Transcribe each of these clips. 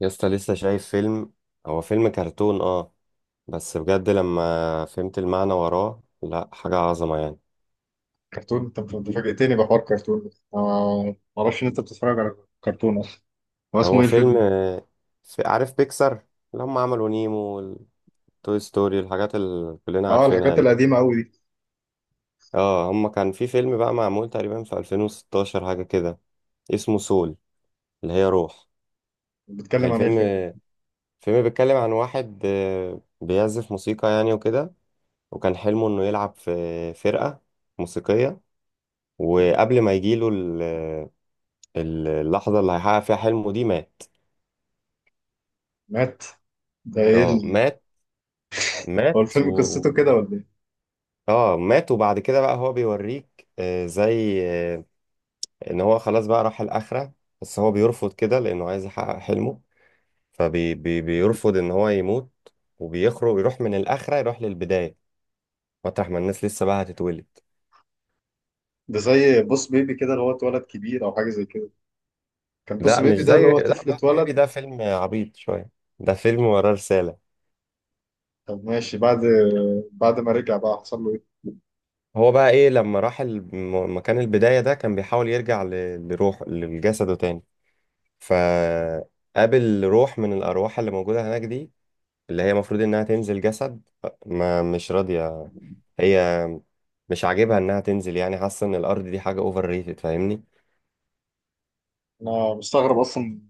يا اسطى لسه شايف فيلم؟ هو فيلم كرتون، اه. بس بجد لما فهمت المعنى وراه لا، حاجة عظمة يعني. كرتون، طب انت فاجئتني بحوار كرتون، أنا ما اعرفش ان انت بتتفرج على كرتون اصلا. هو اسمه هو ايه فيلم، الفيلم؟ عارف بيكسر، اللي هم عملوا نيمو والتوي ستوري، الحاجات اللي كلنا اه، عارفينها الحاجات دي. القديمه قوي دي. اه، هم كان في فيلم بقى معمول تقريبا في 2016، حاجة كده. اسمه سول، اللي هي روح. بتتكلم عن ايه الفيلم، الفيلم؟ الفيلم بيتكلم عن واحد بيعزف موسيقى يعني وكده. وكان حلمه انه يلعب في فرقة موسيقية. وقبل ما يجيله اللحظة اللي هيحقق فيها حلمه دي، مات. مات. ده ايه اه مات. هو مات الفيلم و... قصته كده ولا ايه؟ اه مات. وبعد كده بقى هو بيوريك زي ان هو خلاص بقى راح الآخرة. بس هو بيرفض كده لأنه عايز يحقق حلمه، فبيرفض ان هو يموت، وبيخرج يروح من الآخرة، يروح للبداية، مطرح ما الناس لسه بقى هتتولد. ده زي بوس بيبي كده اللي هو اتولد كبير او حاجه زي كده. كان بوس لا مش بيبي ده اللي زي، هو لا، طفل بس بيبي اتولد. ده فيلم عبيط شوية، ده فيلم وراه رسالة. طب ماشي، بعد ما رجع بقى حصل له ايه؟ هو بقى ايه لما راح مكان البداية ده، كان بيحاول يرجع لروح لجسده تاني. فقابل روح من الأرواح اللي موجودة هناك دي، اللي هي المفروض إنها تنزل جسد، ما مش راضية هي، مش عاجبها إنها تنزل، يعني حاسة إن الأرض دي حاجة أوفر ريتد، فاهمني؟ انا مستغرب اصلا،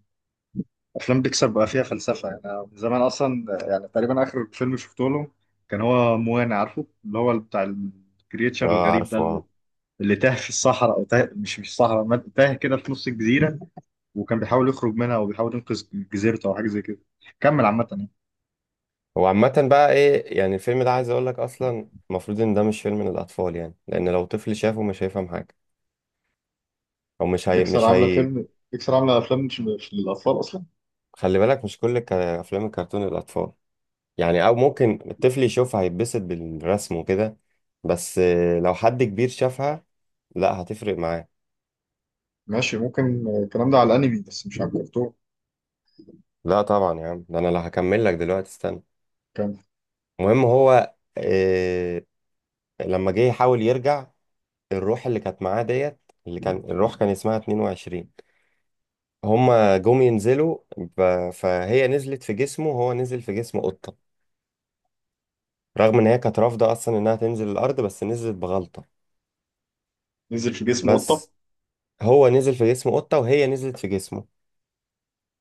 افلام بيكسار بقى فيها فلسفه يعني. أنا من زمان اصلا يعني تقريبا اخر فيلم شفته له كان هو موانا، عارفه اللي هو بتاع الكرياتشر اه الغريب ده، عارفه اللي اه. اللي تاه في الصحراء او تاه مش صحراء، تاه كده في نص الجزيره، وكان بيحاول يخرج منها وبيحاول ينقذ جزيرته او حاجه زي كده. كمل عامه يعني. هو عامة بقى إيه يعني، الفيلم ده عايز أقول لك، أصلا المفروض إن ده مش فيلم للأطفال يعني، لأن لو طفل شافه مش هيفهم حاجة، أو مش هي مش هي. بيكسار عامله افلام مش للاطفال اصلا. خلي بالك مش أفلام الكرتون للأطفال يعني، او ممكن الطفل يشوفها هيتبسط بالرسم وكده. بس لو حد كبير شافها، لا، هتفرق معاه. ماشي، ممكن الكلام ده على الانمي بس مش على الكرتون. لا طبعا يا عم، ده انا لو هكمل لك دلوقتي، استنى. كان المهم هو آه، لما جه يحاول يرجع الروح اللي كانت معاه ديت، اللي كان الروح كان اسمها 22. هما جم ينزلوا فهي نزلت في جسمه وهو نزل في جسم قطة، رغم ان هي كانت رافضة اصلا انها تنزل الارض، بس نزلت بغلطة. نزل في جسم قطه؟ بس هو نزل في جسم قطة وهي نزلت في جسمه،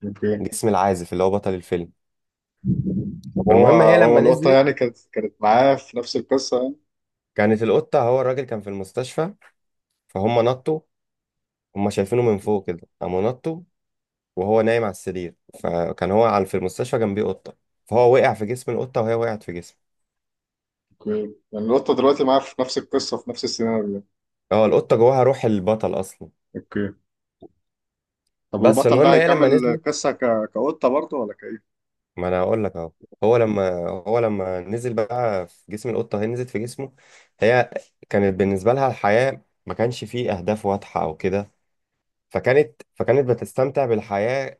اوكي. جسم العازف اللي هو بطل الفيلم. طب هو فالمهم هي هو لما القطه نزلت، يعني، كانت معاه في نفس القصه يعني؟ كانت القطة، هو الراجل كان في المستشفى، فهم نطوا، هم شايفينه من فوق كده، قاموا نطوا، وهو نايم على السرير. فكان هو على، في المستشفى جنبيه قطة، فهو وقع في جسم القطة وهي وقعت في جسمه. اوكي، يعني لوطة دلوقتي معاه في نفس القصة، في نفس السيناريو. هو القطة جواها روح البطل أصلا. اوكي. طب بس والبطل ده فالمهم هي هيكمل لما نزلت، القصة كقطة برضه ولا كايه؟ ما أنا هقول لك أهو. هو لما هو لما نزل بقى في جسم القطة، هي نزلت في جسمه. هي كانت بالنسبة لها الحياة ما كانش فيه أهداف واضحة أو كده، فكانت بتستمتع بالحياة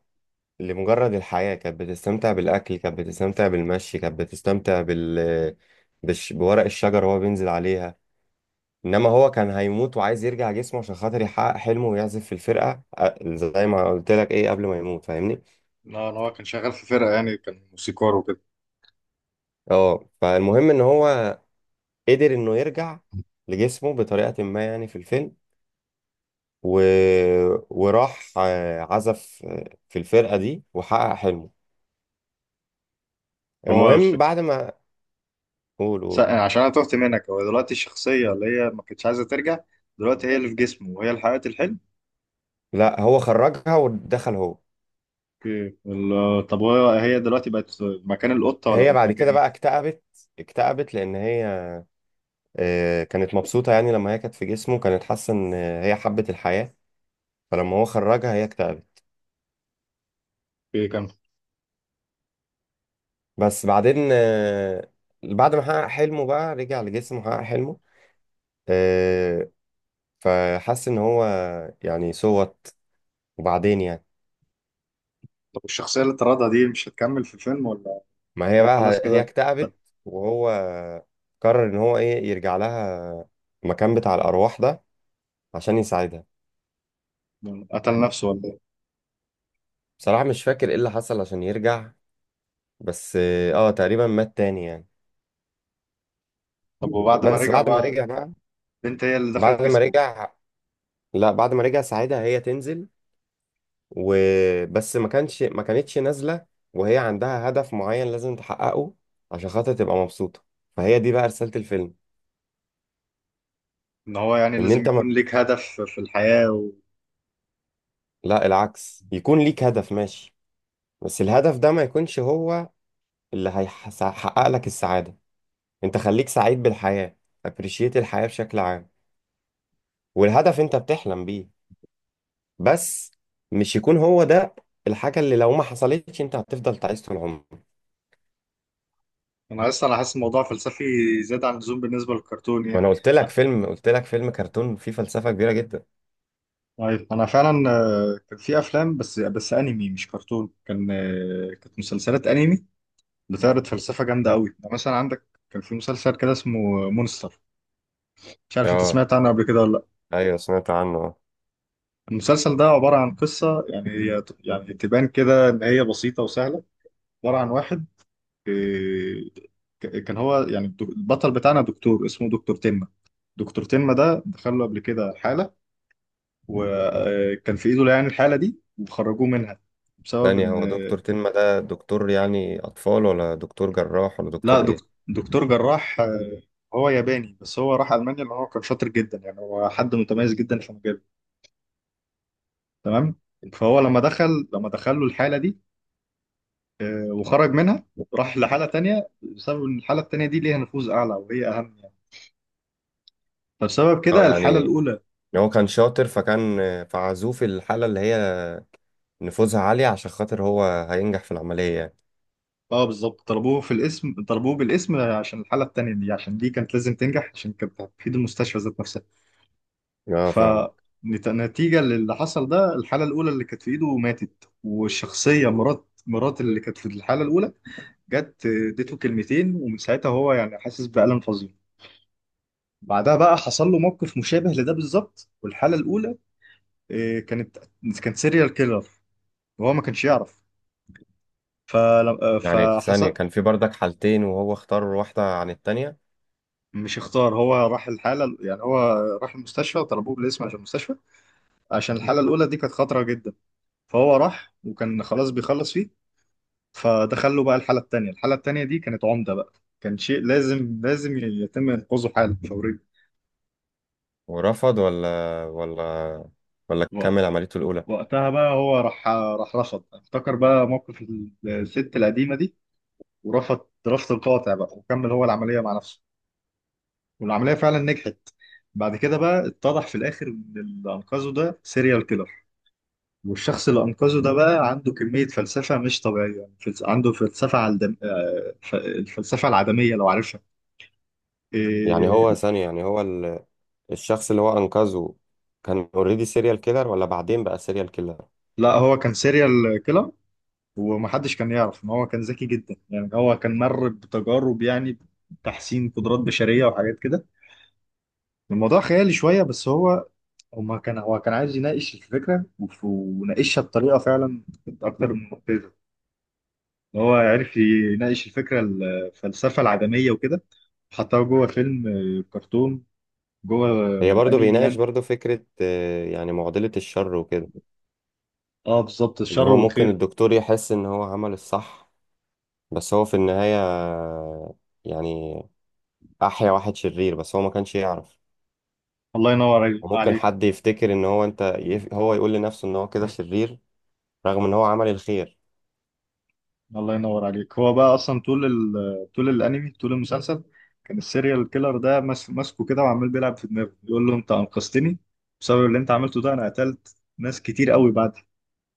لمجرد الحياة، كانت بتستمتع بالأكل، كانت بتستمتع بالمشي، كانت بتستمتع بورق الشجر وهو بينزل عليها. إنما هو كان هيموت وعايز يرجع جسمه عشان خاطر يحقق حلمه ويعزف في الفرقة، زي ما قلت لك إيه قبل ما يموت، فاهمني؟ لا، هو كان شغال في فرقة يعني، كان موسيقار وكده. أه، فالمهم إن هو قدر إنه يرجع لجسمه بطريقة ما يعني في الفيلم، و... وراح عزف في الفرقة دي وحقق حلمه. هو الش- المهم بعد ما، قول قول. عشان أنا تهت منك، هو دلوقتي الشخصية اللي هي ما كانتش عايزة ترجع، دلوقتي هي اللي في جسمه وهي اللي حققت الحلم؟ لا هو خرجها ودخل هو. اوكي، طب هو، هي دلوقتي بقت مكان القطة ولا هي بقت بعد مكان كده بقى ايه؟ اكتئبت، اكتئبت لان هي كانت مبسوطه يعني، لما هي كانت في جسمه كانت حاسه ان هي حبت الحياه، فلما هو خرجها هي اكتئبت. اوكي، كمل. بس بعدين بعد ما حقق حلمه بقى، رجع لجسمه وحقق حلمه. آه، فحس ان هو يعني صوت، وبعدين يعني. طب الشخصية اللي طردها دي مش هتكمل في الفيلم ولا؟ ما هي هي خلاص بقى هي كده؟ ت- اكتئبت، وهو قرر ان هو ايه، يرجع لها المكان بتاع الارواح ده عشان يساعدها. قتل نفسه ولا ايه؟ بصراحه مش فاكر ايه اللي حصل عشان يرجع، بس اه تقريبا مات تاني يعني. طب وبعد ما بس رجعوا بعد ما بقى. رجع بقى، البنت هي اللي بعد دخلت ما جسمه بقى؟ رجع، لا بعد ما رجع ساعتها هي تنزل، وبس ما كانش ما كانتش نازلة، وهي عندها هدف معين لازم تحققه عشان خاطر تبقى مبسوطة، فهي دي بقى رسالة الفيلم. ان هو يعني ان لازم انت ما... يكون ليك هدف في الحياة لا العكس، يكون ليك هدف ماشي، بس الهدف ده ما يكونش هو اللي هيحقق لك السعادة. انت خليك سعيد بالحياة، appreciate الحياة بشكل عام، والهدف انت بتحلم بيه بس، مش يكون هو ده الحاجة اللي لو ما حصلتش انت هتفضل تعيس طول عمرك. انا اصلا حاسس الموضوع فلسفي زيادة عن اللزوم بالنسبة للكرتون ما يعني. انا قلت لك فيلم، قلت لك فيلم كرتون فيه فلسفة كبيرة جدا. طيب، انا فعلا كان في افلام بس انمي مش كرتون، كانت مسلسلات انمي بتعرض فلسفة جامدة قوي يعني. مثلا عندك كان في مسلسل كده اسمه مونستر. مش عارف انت اه سمعت عنه قبل كده ولا لا؟ ايوه سمعت عنه. المسلسل ده عبارة عن قصة، يعني هي يعني تبان كده ان هي بسيطة وسهلة. عبارة عن واحد، إيه، كان هو يعني، البطل بتاعنا دكتور اسمه دكتور تمة. دكتور تمة ده دخل له قبل كده حالة، وكان في ايده يعني الحالة دي وخرجوه منها بسبب ثانية، هو ان... دكتور تنما ده دكتور يعني اطفال ولا دكتور جراح ولا لا، دكتور ايه؟ دكتور جراح. هو ياباني بس هو راح ألمانيا لأن هو كان شاطر جدا يعني، هو حد متميز جدا في مجاله. تمام. فهو لما دخل له الحالة دي وخرج منها، راح لحالة تانية بسبب ان الحالة التانية دي ليها نفوذ أعلى وهي أهم يعني. فبسبب اه كده الحالة يعني الأولى... هو كان شاطر، فكان فعزوه في الحالة اللي هي نفوذها عالية عشان خاطر هو هينجح في العملية يعني. اه بالظبط، طلبوه في الاسم طلبوه بالاسم عشان الحالة التانية دي، عشان دي كانت لازم تنجح عشان كانت هتفيد المستشفى ذات نفسها. اه فاهم. فنتيجة للي حصل ده الحالة الأولى اللي كانت في إيده ماتت، والشخصية مرات اللي كانت في الحالة الأولى جت اديته كلمتين، ومن ساعتها هو يعني حاسس بألم فظيع. بعدها بقى حصل له موقف مشابه لده بالظبط، والحالة الأولى آه، كانت كانت سيريال كيلر، وهو ما كانش يعرف. فلم... آه، يعني ثانية، فحصل. كان في بردك حالتين وهو اختار واحدة عن التانية؟ مش اختار، هو راح المستشفى طلبوه بالاسم عشان المستشفى، عشان الحالة الأولى دي كانت خطرة جدا. فهو راح وكان خلاص بيخلص فيه، فدخله بقى الحالة التانية. دي كانت عمدة بقى، كان شيء لازم يتم إنقاذه حالا فوريا. ورفض ولا ولا، ولا وقت- كمل عمليته الأولى؟ وقتها بقى هو راح رفض، افتكر بقى موقف الست القديمة دي، ورفض رفض قاطع بقى، وكمل هو العملية مع نفسه، والعملية فعلا نجحت. بعد كده بقى اتضح في الآخر إن اللي أنقذه ده سيريال كيلر، والشخص اللي أنقذه ده بقى عنده كمية فلسفة مش طبيعية يعني، عنده فلسفة على الفلسفة العدمية لو عارفها. يعني إيه... هو ثانية يعني، الشخص اللي هو أنقذه، كان اوريدي سيريال كيلر ولا بعدين بقى سيريال كيلر؟ لا، هو كان سيريال كيلر، ومحدش كان يعرف إن هو كان ذكي جدا يعني، هو كان مر بتجارب يعني تحسين قدرات بشرية وحاجات كده. الموضوع خيالي شوية بس هو كان عايز يناقش الفكرة، وناقشها بطريقة فعلا كانت أكتر من مبتذلة. ان هو عرف يناقش الفكره الفلسفه العدميه وكده، حطها جوه فيلم كرتون، جوه هي برضو انمي بيناقش يعني. برضو فكرة يعني معضلة الشر وكده. اه بالظبط، إن الشر هو ممكن والخير. الدكتور يحس إن هو عمل الصح، بس هو في النهاية يعني أحيا واحد شرير بس هو ما كانش يعرف. الله ينور وممكن عليك. حد يفتكر إن هو، هو يقول لنفسه إن هو كده شرير، رغم إن هو عمل الخير. الله ينور عليك. هو بقى اصلا طول طول الانمي طول المسلسل، كان السيريال كيلر ده ماسكه كده وعمال بيلعب في دماغه يقول له: انت انقذتني، بسبب اللي انت عملته ده انا قتلت ناس كتير قوي بعدك،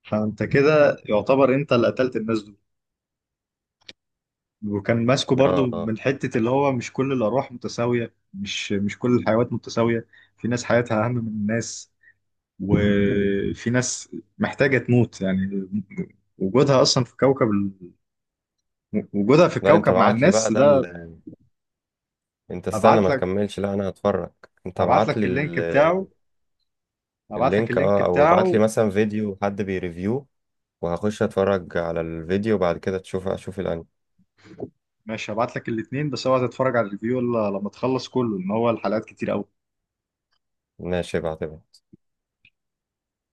فانت كده يعتبر انت اللي قتلت الناس دول. وكان ماسكه برضو اه اه. من حتة اللي هو مش كل الأرواح متساوية، مش كل الحيوانات متساوية، في ناس حياتها أهم من الناس، وفي ناس محتاجة تموت يعني، وجودها أصلا في كوكب وجودها في لا انت الكوكب مع بعت لي بقى الناس ده، ده. انت استنى أبعت ما لك. تكملش، لا انا هتفرج. انت أبعت ابعت لك لي اللينك بتاعه ال... أبعت لك اللينك، اللينك اه. او ابعت لي بتاعه. مثلا فيديو حد بيريفيو، وهخش اتفرج على الفيديو وبعد كده اشوف الانمي. ماشي، هبعت لك الاتنين، بس اوعى تتفرج على الفيديو إلا لما تخلص كله، إن هو الحلقات كتير أوي. ماشي، ابعتها.